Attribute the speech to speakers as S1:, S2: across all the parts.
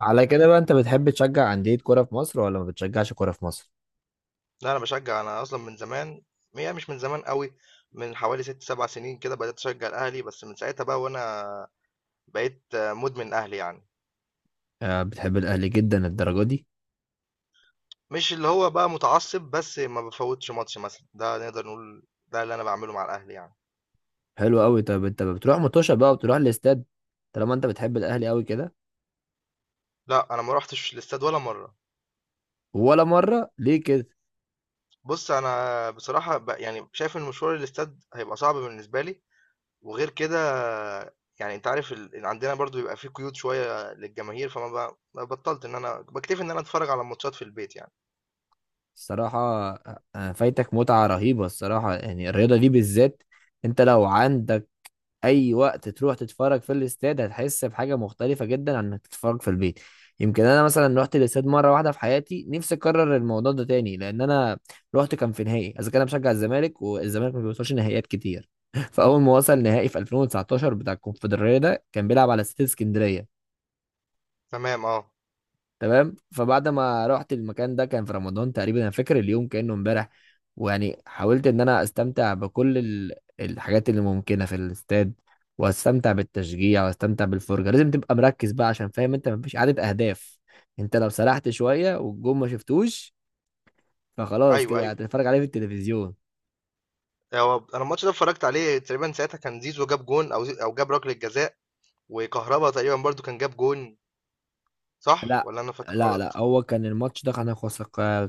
S1: على كده بقى، انت بتحب تشجع أندية كرة في مصر ولا ما بتشجعش كرة في مصر؟
S2: لا، انا بشجع. انا اصلا من زمان، يعني مش من زمان قوي. من حوالي 6 7 سنين كده بدأت اشجع الاهلي، بس من ساعتها بقى وانا بقيت مدمن اهلي يعني.
S1: آه، بتحب الأهلي جدا الدرجة دي؟
S2: مش اللي هو بقى متعصب، بس ما بفوتش ماتش مثلا، ده نقدر نقول ده اللي انا بعمله مع الاهلي يعني.
S1: حلو قوي. طب انت بتروح متوشة بقى وبتروح الاستاد طالما انت بتحب الأهلي قوي كده؟
S2: لا، انا ما روحتش الاستاد ولا مرة.
S1: ولا مرة؟ ليه كده؟
S2: بص، انا بصراحة بقى يعني شايف ان مشوار الاستاد هيبقى صعب بالنسبة لي، وغير كده يعني انت عارف عندنا برضو بيبقى فيه قيود شوية للجماهير، فما بقى بطلت ان انا بكتفي ان انا اتفرج على الماتشات في البيت يعني.
S1: الصراحة آه، آه، فايتك متعة رهيبة الصراحة، يعني الرياضة دي بالذات انت لو عندك اي وقت تروح تتفرج في الاستاد هتحس بحاجه مختلفه جدا عن انك تتفرج في البيت. يمكن انا مثلا رحت الاستاد مره واحده في حياتي، نفسي اكرر الموضوع ده تاني، لان انا رحت كان في نهائي، اذا كان انا بشجع الزمالك والزمالك ما بيوصلش نهائيات كتير. فاول ما وصل نهائي في 2019 بتاع الكونفدراليه، ده كان بيلعب على استاد اسكندريه.
S2: تمام، اه.
S1: تمام، فبعد ما رحت المكان ده كان في رمضان تقريبا، انا فاكر اليوم كانه امبارح. ويعني حاولت ان انا استمتع بكل الحاجات اللي ممكنه في الاستاد، واستمتع بالتشجيع واستمتع بالفرجه. لازم تبقى مركز بقى، عشان فاهم انت مفيش عدد اهداف، انت لو سرحت شويه والجون ما شفتوش فخلاص
S2: ايوه،
S1: كده
S2: ايوه.
S1: هتتفرج عليه في التلفزيون.
S2: هو انا الماتش ده اتفرجت عليه تقريبا، ساعتها كان زيزو جاب جون او او جاب ركله جزاء، وكهربا تقريبا برضو كان جاب جون، صح
S1: لا،
S2: ولا انا فاكر
S1: لا
S2: غلط؟
S1: هو كان الماتش ده كنا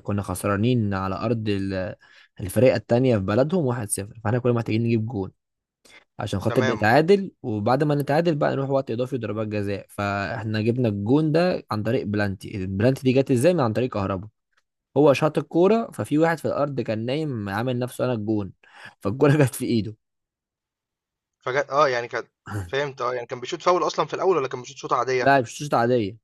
S1: كنا خسرانين على ارض الفريق التانية في بلدهم 1-0، فاحنا كنا محتاجين نجيب جون عشان خاطر
S2: تمام،
S1: نتعادل، وبعد ما نتعادل بقى نروح وقت اضافي وضربات جزاء. فاحنا جبنا الجون ده عن طريق بلانتي. البلانتي دي جت ازاي؟ من عن طريق كهربا. هو شاط الكوره ففي واحد في الارض كان نايم عامل نفسه انا الجون، فالكوره جت في ايده.
S2: فجأة اه يعني كان، فهمت اه يعني كان بيشوط فاول اصلا في الاول، ولا كان بيشوط شوطه عاديه؟
S1: لا مش شوط عاديه،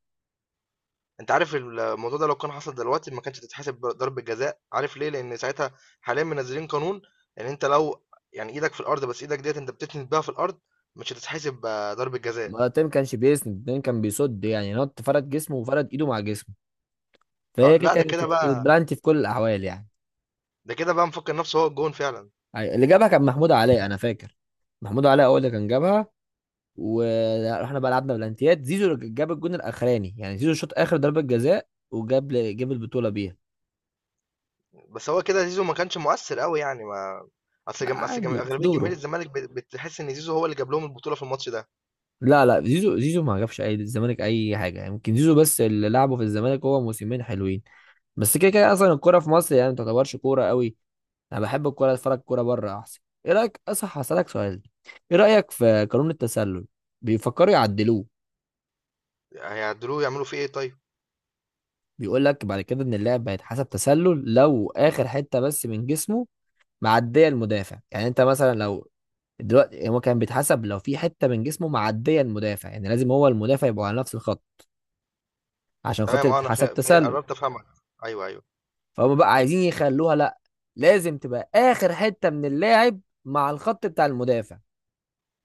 S2: انت عارف الموضوع ده لو كان حصل دلوقتي ما كانتش تتحسب ضربه جزاء. عارف ليه؟ لان ساعتها حاليا منزلين قانون، ان انت لو يعني ايدك في الارض، بس ايدك ديت انت بتتنس بيها في الارض، مش هتتحسب ضربه جزاء.
S1: مرتين ما تيم كانش بيسند، اتنين كان بيصد، يعني نط فرد جسمه وفرد ايده مع جسمه،
S2: اه،
S1: فهي كده
S2: لا، ده
S1: كانت
S2: كده
S1: كانت
S2: بقى،
S1: بلانتي في كل الاحوال يعني.
S2: ده كده بقى مفكر نفسه هو الجون فعلا.
S1: اللي جابها كان محمود علاء انا فاكر، محمود علاء هو اللي كان جابها. ورحنا بقى لعبنا بلانتيات، زيزو جاب الجون الاخراني، يعني زيزو شاط اخر ضربه جزاء وجاب جاب البطوله بيها.
S2: بس هو كده زيزو ما كانش مؤثر قوي، يعني ما
S1: لا عادي في
S2: اغلبيه جماهير
S1: دوره،
S2: الزمالك بتحس ان زيزو هو اللي جاب لهم البطوله في الماتش ده.
S1: لا لا، زيزو ما جابش اي الزمالك اي حاجه، يعني يمكن زيزو بس اللي لعبه في الزمالك هو موسمين حلوين، بس كده كده اصلا الكوره في مصر يعني ما تعتبرش كوره قوي. انا بحب الكوره اتفرج كوره بره احسن. ايه رايك؟ اصح، هسالك سؤال. ايه رايك في قانون التسلل؟ بيفكروا يعدلوه.
S2: هيعدلوه يعملوا فيه ايه طيب؟
S1: بيقول لك بعد كده ان اللاعب هيتحسب تسلل لو اخر حته بس من جسمه معديه المدافع، يعني انت مثلا لو دلوقتي هو كان بيتحسب لو في حته من جسمه معديه المدافع، يعني لازم هو المدافع يبقى على نفس الخط عشان
S2: تمام،
S1: خاطر
S2: اه. انا
S1: تتحسب تسلل.
S2: قربت افهمك. ايوه، ايوه.
S1: فهم بقى عايزين يخلوها لا، لازم تبقى اخر حته من اللاعب مع الخط بتاع المدافع،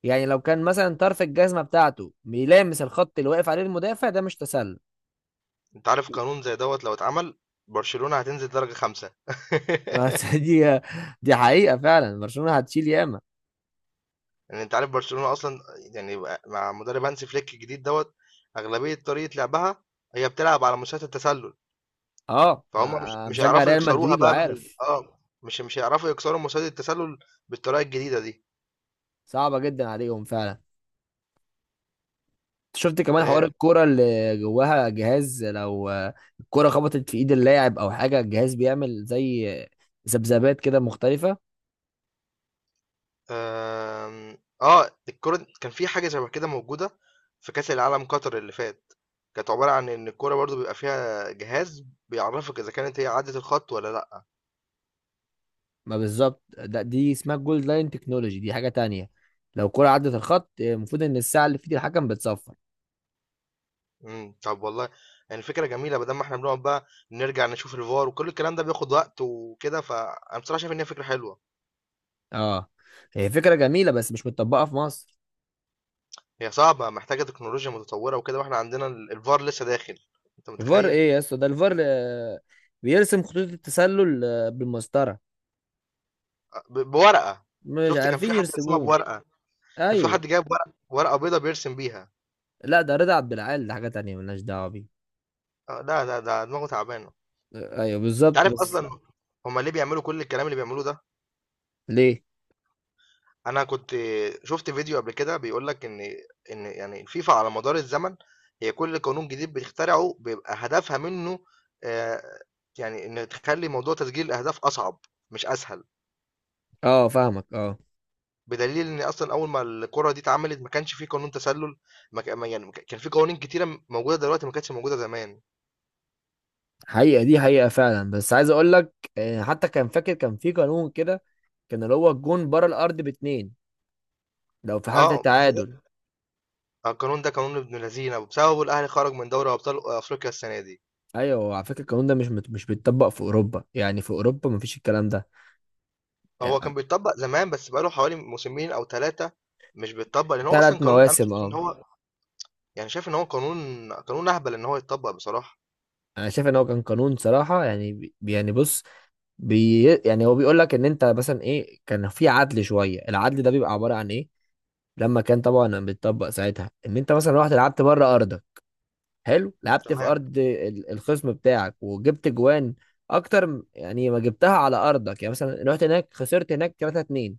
S1: يعني لو كان مثلا طرف الجزمه بتاعته بيلامس الخط اللي واقف عليه المدافع ده مش تسلل.
S2: انت عارف قانون زي دوت لو اتعمل، برشلونه هتنزل درجه خمسه.
S1: بس دي حقيقه فعلا، برشلونه هتشيل ياما.
S2: يعني انت عارف برشلونه اصلا، يعني مع مدرب هانسي فليك الجديد دوت، اغلبيه طريقه لعبها هي بتلعب على مستوى التسلل،
S1: اه،
S2: فهم مش
S1: أنا
S2: مش
S1: مشجع
S2: هيعرفوا
S1: ريال
S2: يكسروها
S1: مدريد
S2: بقى بال
S1: وعارف،
S2: اه مش هيعرفوا يكسروا مستوى التسلل بالطريقه الجديده دي.
S1: صعبه جدا عليهم فعلا. شفت كمان حوار
S2: آه،
S1: الكوره اللي جواها جهاز؟ لو الكوره خبطت في ايد اللاعب او حاجه الجهاز بيعمل زي ذبذبات كده مختلفه.
S2: آمم، آه، الكورة كان في حاجة شبه كده موجودة في كأس العالم قطر اللي فات، كانت عبارة عن إن الكورة برضه بيبقى فيها جهاز بيعرفك إذا كانت هي عدت الخط والّا لأ.
S1: ما بالظبط ده، دي اسمها جولد لاين تكنولوجي، دي حاجه تانية. لو الكوره عدت الخط المفروض ان الساعه اللي في ايد الحكم بتصفر.
S2: طب والله يعني فكرة جميلة، بدل ما إحنا بنقعد بقى نرجع نشوف الVAR وكل الكلام ده بياخد وقت وكده، فأنا بصراحة شايف إن هي فكرة حلوة.
S1: اه، هي فكره جميله بس مش متطبقه في مصر.
S2: هي صعبة، محتاجة تكنولوجيا متطورة وكده، وإحنا عندنا الVAR لسه داخل، أنت
S1: الفار
S2: متخيل؟
S1: ايه يا اسطى؟ ده الفار آه، بيرسم خطوط التسلل آه، بالمسطره.
S2: أ ب بورقة،
S1: مش
S2: شُفت كان في
S1: عارفين
S2: حد رسمها
S1: يرسموه.
S2: بورقة، كان في حد
S1: ايوه.
S2: جايب ورقة بيضا بيرسم بيها.
S1: لا ده رضا عبد العال، ده حاجه تانية ملناش دعوه بيه.
S2: آه، ده دماغه تعبانه.
S1: آه، ايوه
S2: انت
S1: بالظبط.
S2: عارف
S1: بس
S2: بالظبط اصلا، هما ليه بيعملوا كل الكلام اللي بيعملوه ده؟
S1: ليه؟
S2: انا كنت شفت فيديو قبل كده بيقول لك ان يعني الفيفا على مدار الزمن، هي كل قانون جديد بتخترعه بيبقى هدفها منه آه، يعني ان تخلي موضوع تسجيل الاهداف اصعب، مش اسهل.
S1: اه فاهمك اه.
S2: بدليل ان اصلا اول ما الكره دي اتعملت ما كانش في قانون تسلل، ما كان ما- يعني ما كان في قوانين كتيره موجوده دلوقتي ما كانتش موجوده زمان.
S1: حقيقة دي حقيقة فعلا، بس عايز اقول لك آه، حتى كان فاكر كان في قانون كده، كان اللي هو الجون بره الارض باتنين لو في حالة
S2: اه بس
S1: التعادل.
S2: ده، القانون ده قانون ابن لذينه وبسببه الاهلي خرج من دوري ابطال افريقيا السنه دي.
S1: ايوه، على فكرة القانون ده مش بيتطبق في اوروبا، يعني في اوروبا مفيش الكلام ده
S2: هو
S1: يعني.
S2: كان بيتطبّق زمان، بس بقى له حوالي موسمين أو 3 مش بيتطبّق، لإن هو
S1: ثلاث
S2: أصلًا قانون. أنا
S1: مواسم
S2: شايف
S1: اه.
S2: إن هو، يعني شايف إن هو قانون أهبل إن هو يتطبّق بصراحة.
S1: انا شايف ان هو كان قانون صراحة، يعني يعني بص، يعني هو بيقول لك ان انت مثلا ايه، كان في عدل شوية. العدل ده بيبقى عبارة عن ايه؟ لما كان طبعا بيتطبق ساعتها، ان انت مثلا رحت لعبت بره ارضك، حلو، لعبت في
S2: تمام،
S1: ارض الخصم بتاعك وجبت جوان اكتر يعني ما جبتها على ارضك، يعني مثلا رحت هناك خسرت هناك 3 2،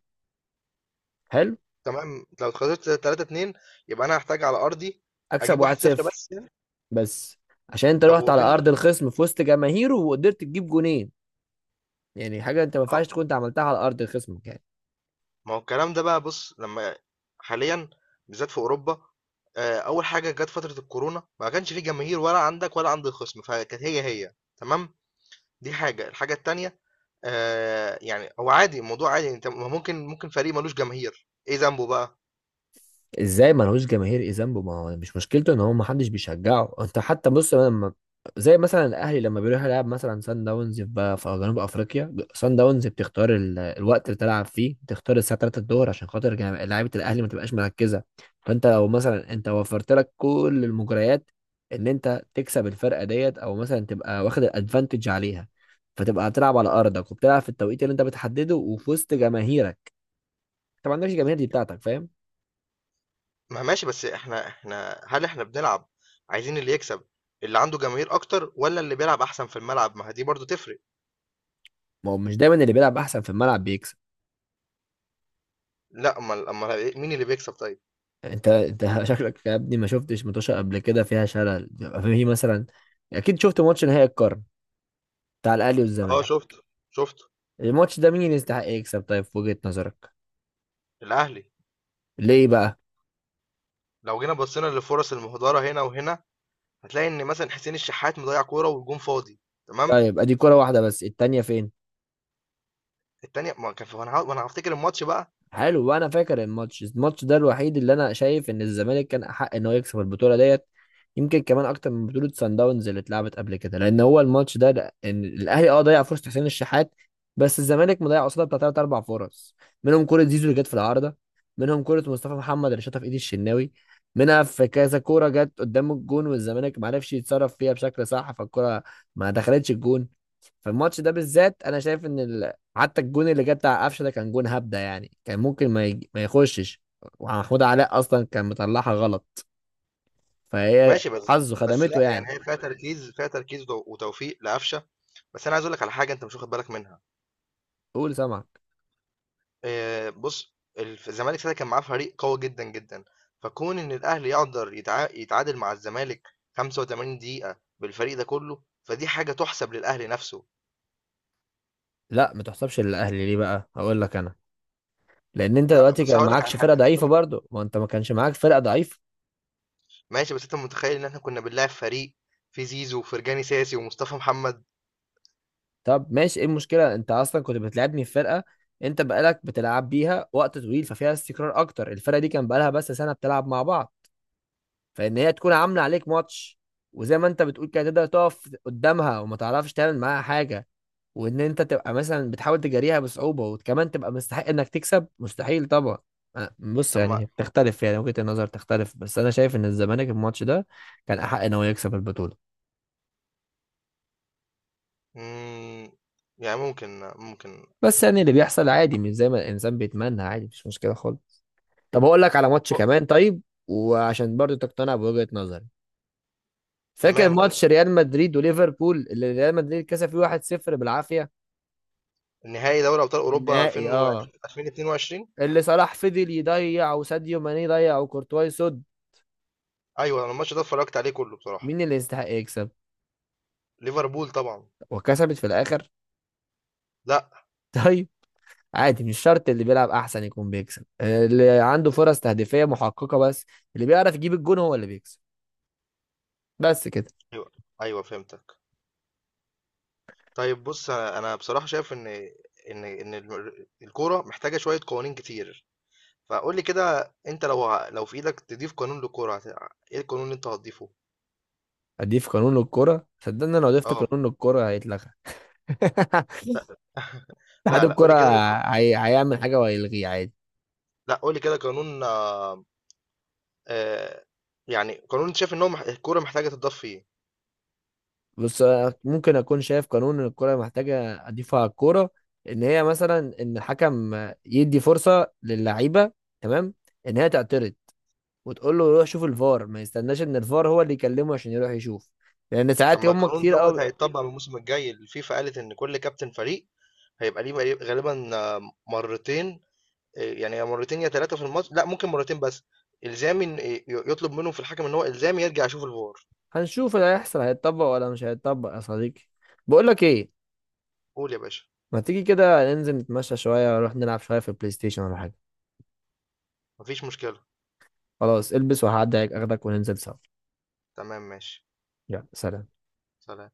S1: حلو
S2: تمام، لو اتخاذلت 3-2 يبقى أنا هاحتاج على أرضي
S1: اكسب
S2: أجيب 1،
S1: 1
S2: 0
S1: 0
S2: بس يعني؟
S1: بس، عشان انت
S2: طب
S1: رحت على
S2: وفين ال،
S1: ارض الخصم في وسط جماهيره وقدرت تجيب جونين، يعني حاجه انت ما
S2: أهو
S1: ينفعش تكون انت عملتها على ارض خصمك يعني.
S2: ما هو الكلام ده بقى. بُص، لمّا حاليًا بالذات في أوروبا، أول حاجة جات فترة الكورونا ما كانش في جماهير، ولا عندك ولا عند الخصم، فكانت هي تمام؟ دي حاجة. الحاجة التانية، يعني هو عادي، الموضوع عادي، أنت ما ممكن، ممكن فريق مالوش جماهير، إيه ذنبه بقى؟
S1: ازاي ملهوش جماهير ايه ذنبه؟ ما هو مش مشكلته ان هو ما حدش بيشجعه. انت حتى بص، لما زي مثلا الاهلي لما بيروح يلعب مثلا سان داونز في في جنوب افريقيا، سان داونز بتختار الوقت اللي تلعب فيه، بتختار الساعه 3 الظهر عشان خاطر لعيبه الاهلي ما تبقاش مركزه. فانت لو مثلا انت وفرت لك كل المجريات ان انت تكسب الفرقه ديت، او مثلا تبقى واخد الادفانتج عليها، فتبقى هتلعب على ارضك وبتلعب في التوقيت اللي انت بتحدده وفي وسط جماهيرك، طبعا ده مش الجماهير دي بتاعتك، فاهم؟
S2: ما ماشي، بس إحنا إحنا هل إحنا بنلعب، عايزين اللي يكسب اللي عنده جماهير أكتر والّا اللي بيلعب أحسن في الملعب؟ ما هي دي برضه تفرق.
S1: ما هو مش دايما اللي بيلعب احسن في الملعب بيكسب.
S2: لأ، أمّال، أمّال إيه مين اللي بيكسب طيب؟
S1: انت شكلك يا ابني ما شفتش متوشة قبل كده، فيها شلل بيبقى فيه مثلا. اكيد شفت ماتش نهائي القرن بتاع الاهلي
S2: آه،
S1: والزمالك.
S2: شُفته، شُفته.
S1: الماتش ده مين يستحق يكسب طيب في وجهة نظرك؟
S2: الأهلي،
S1: ليه بقى؟
S2: لو جينا بصينا للفرص المهدرة هنا وهنا، هتلاقي إن مثلًا حسين الشحات مضيّع كورة والجون فاضي. تمام.
S1: طيب ادي كرة واحدة بس، التانية فين؟
S2: التانية ما كان وأنا هافتكر الماتش بقى.
S1: حلو، وانا فاكر الماتش ده الوحيد اللي انا شايف ان الزمالك كان احق ان هو يكسب البطوله ديت، يمكن كمان اكتر من بطوله سان داونز اللي اتلعبت قبل كده، لان هو الماتش ده ان الاهلي اه ضيع فرصه حسين الشحات، بس الزمالك مضيع قصادها بتاع ثلاث اربع فرص، منهم كوره زيزو اللي جت في العارضه، منهم كوره مصطفى محمد اللي شاطها في ايد الشناوي، منها في كذا كوره جت قدام الجون والزمالك ما عرفش يتصرف فيها بشكل صح، فالكوره ما دخلتش الجون. فالماتش ده بالذات انا شايف ان حتى الجون اللي جه بتاع قفشه ده كان جون هبده، يعني كان ممكن ما, ما يخشش، ومحمود علاء اصلا كان مطلعها غلط، فهي
S2: ماشي بس،
S1: حظه
S2: بس
S1: خدمته
S2: لأ، يعني
S1: يعني.
S2: هي فيها تركيز، فيها تركيز وتوفيق لقفشة، بس أنا عايز أقول لك على حاجة أنت مش واخد بالك منها،
S1: قول، سمعك.
S2: بُص الزمالك ساعتها كان معاه فريق قوي جدًا، جدًا، فكون إن الأهلي يقدر يتعادل مع الزمالك 85 دقيقة بالفريق ده كله، فدي حاجة تُحسب للأهلي نَفْسه.
S1: لا ما تحسبش للاهلي، ليه بقى؟ هقول لك انا، لان انت
S2: لأ
S1: دلوقتي
S2: بُص،
S1: كان
S2: هاقول لك على
S1: معكش فرقه
S2: حاجة. هاقول
S1: ضعيفه
S2: لك،
S1: برضه، ما انت ما كانش معاك فرقه ضعيفه.
S2: ماشي، بس أنت متخيّل إن إحنا كنا بنلاعب فريق فيه زيزو وفرجاني ساسي ومصطفى محمد؟
S1: طب ماشي، ايه المشكله؟ انت اصلا كنت بتلعبني في فرقه انت بقالك بتلعب بيها وقت طويل ففيها استقرار اكتر، الفرقه دي كان بقالها بس سنه بتلعب مع بعض. فان هي تكون عامله عليك ماتش وزي ما انت بتقول كده تقدر تقف قدامها وما تعرفش تعمل معاها حاجه، وان انت تبقى مثلا بتحاول تجاريها بصعوبه وكمان تبقى مستحق انك تكسب، مستحيل طبعا. بص
S2: طَب ما،
S1: يعني بتختلف، يعني وجهة النظر تختلف، بس انا شايف ان الزمالك الماتش ده كان احق ان هو يكسب البطوله.
S2: إمم، يعني ممكن، ممكن.
S1: بس يعني اللي بيحصل عادي مش زي ما الانسان بيتمنى، عادي مش مشكله خالص. طب اقول لك على ماتش
S2: أه،
S1: كمان طيب، وعشان برضو تقتنع بوجهة نظري، فاكر
S2: تمام قُل.
S1: ماتش ريال مدريد وليفربول اللي ريال مدريد كسب فيه 1-0 بالعافيه؟
S2: نهائي دوري ابطال اوروبا
S1: النهائي اه،
S2: 2020، 2022.
S1: اللي صلاح فضل يضيع وساديو ماني ضيع وكورتواي يصد.
S2: ايوه، انا الماتش ده اتفرجت عليه كله بصراحه.
S1: مين اللي يستحق يكسب؟
S2: ليفربول طبعا.
S1: وكسبت في الاخر؟
S2: لا.
S1: طيب، عادي مش شرط اللي بيلعب احسن يكون بيكسب، اللي عنده فرص تهديفية محققة بس، اللي بيعرف يجيب الجون هو اللي بيكسب، بس كده.
S2: ايوه، ايوه، فهمتك. طيب بص، أنا بصراحه شايف ان ان الكوره محتاجه شويه قوانين كتير، فقول لي كده انت لو لو في ايدك تضيف قانون للكوره ايه القانون اللي انت هتضيفه؟
S1: اضيف قانون للكرة؟ صدقني لو ضفت
S2: اه
S1: قانون للكرة هيتلغى. اتحاد
S2: لا، لا، قول
S1: الكرة
S2: لي كده
S1: هيعمل حاجة وهيلغيه عادي.
S2: لا قول لي كده قانون آه... يعني قانون انت شايف ان هو الكوره محتاجه تضاف فيه.
S1: بس أنا ممكن اكون شايف قانون ان الكرة محتاجة اضيفه على الكورة، ان هي مثلا ان الحكم يدي فرصة للعيبة، تمام، ان هي تعترض وتقول له روح شوف الفار ما يستناش ان الفار هو اللي يكلمه عشان يروح يشوف، لان
S2: طب
S1: ساعات
S2: ما
S1: هم
S2: القانون
S1: كتير
S2: دوت
S1: قوي.
S2: هيتطبق من الموسم الجاي، الفيفا قالت ان كل كابتن فريق هيبقى ليه بقى غالبًا مرّتين، يعني يا مرّتين يا 3 في الماتش، لأ ممكن مرّتين بس، إلزامي إن يطلب منهم في الحكم إن هو إلزامي يرجع يشوف الVAR.
S1: هنشوف اللي هيحصل، هيتطبق ولا مش هيتطبق يا صديقي. بقول لك ايه،
S2: قُل يا باشا.
S1: ما تيجي كده ننزل نتمشى شوية ونروح نلعب شوية في البلاي ستيشن ولا حاجة.
S2: ما فيش مشكلة.
S1: خلاص البس وهعدي عليك اخدك وننزل سوا.
S2: تمام، ماشي.
S1: يلا سلام.
S2: سلام.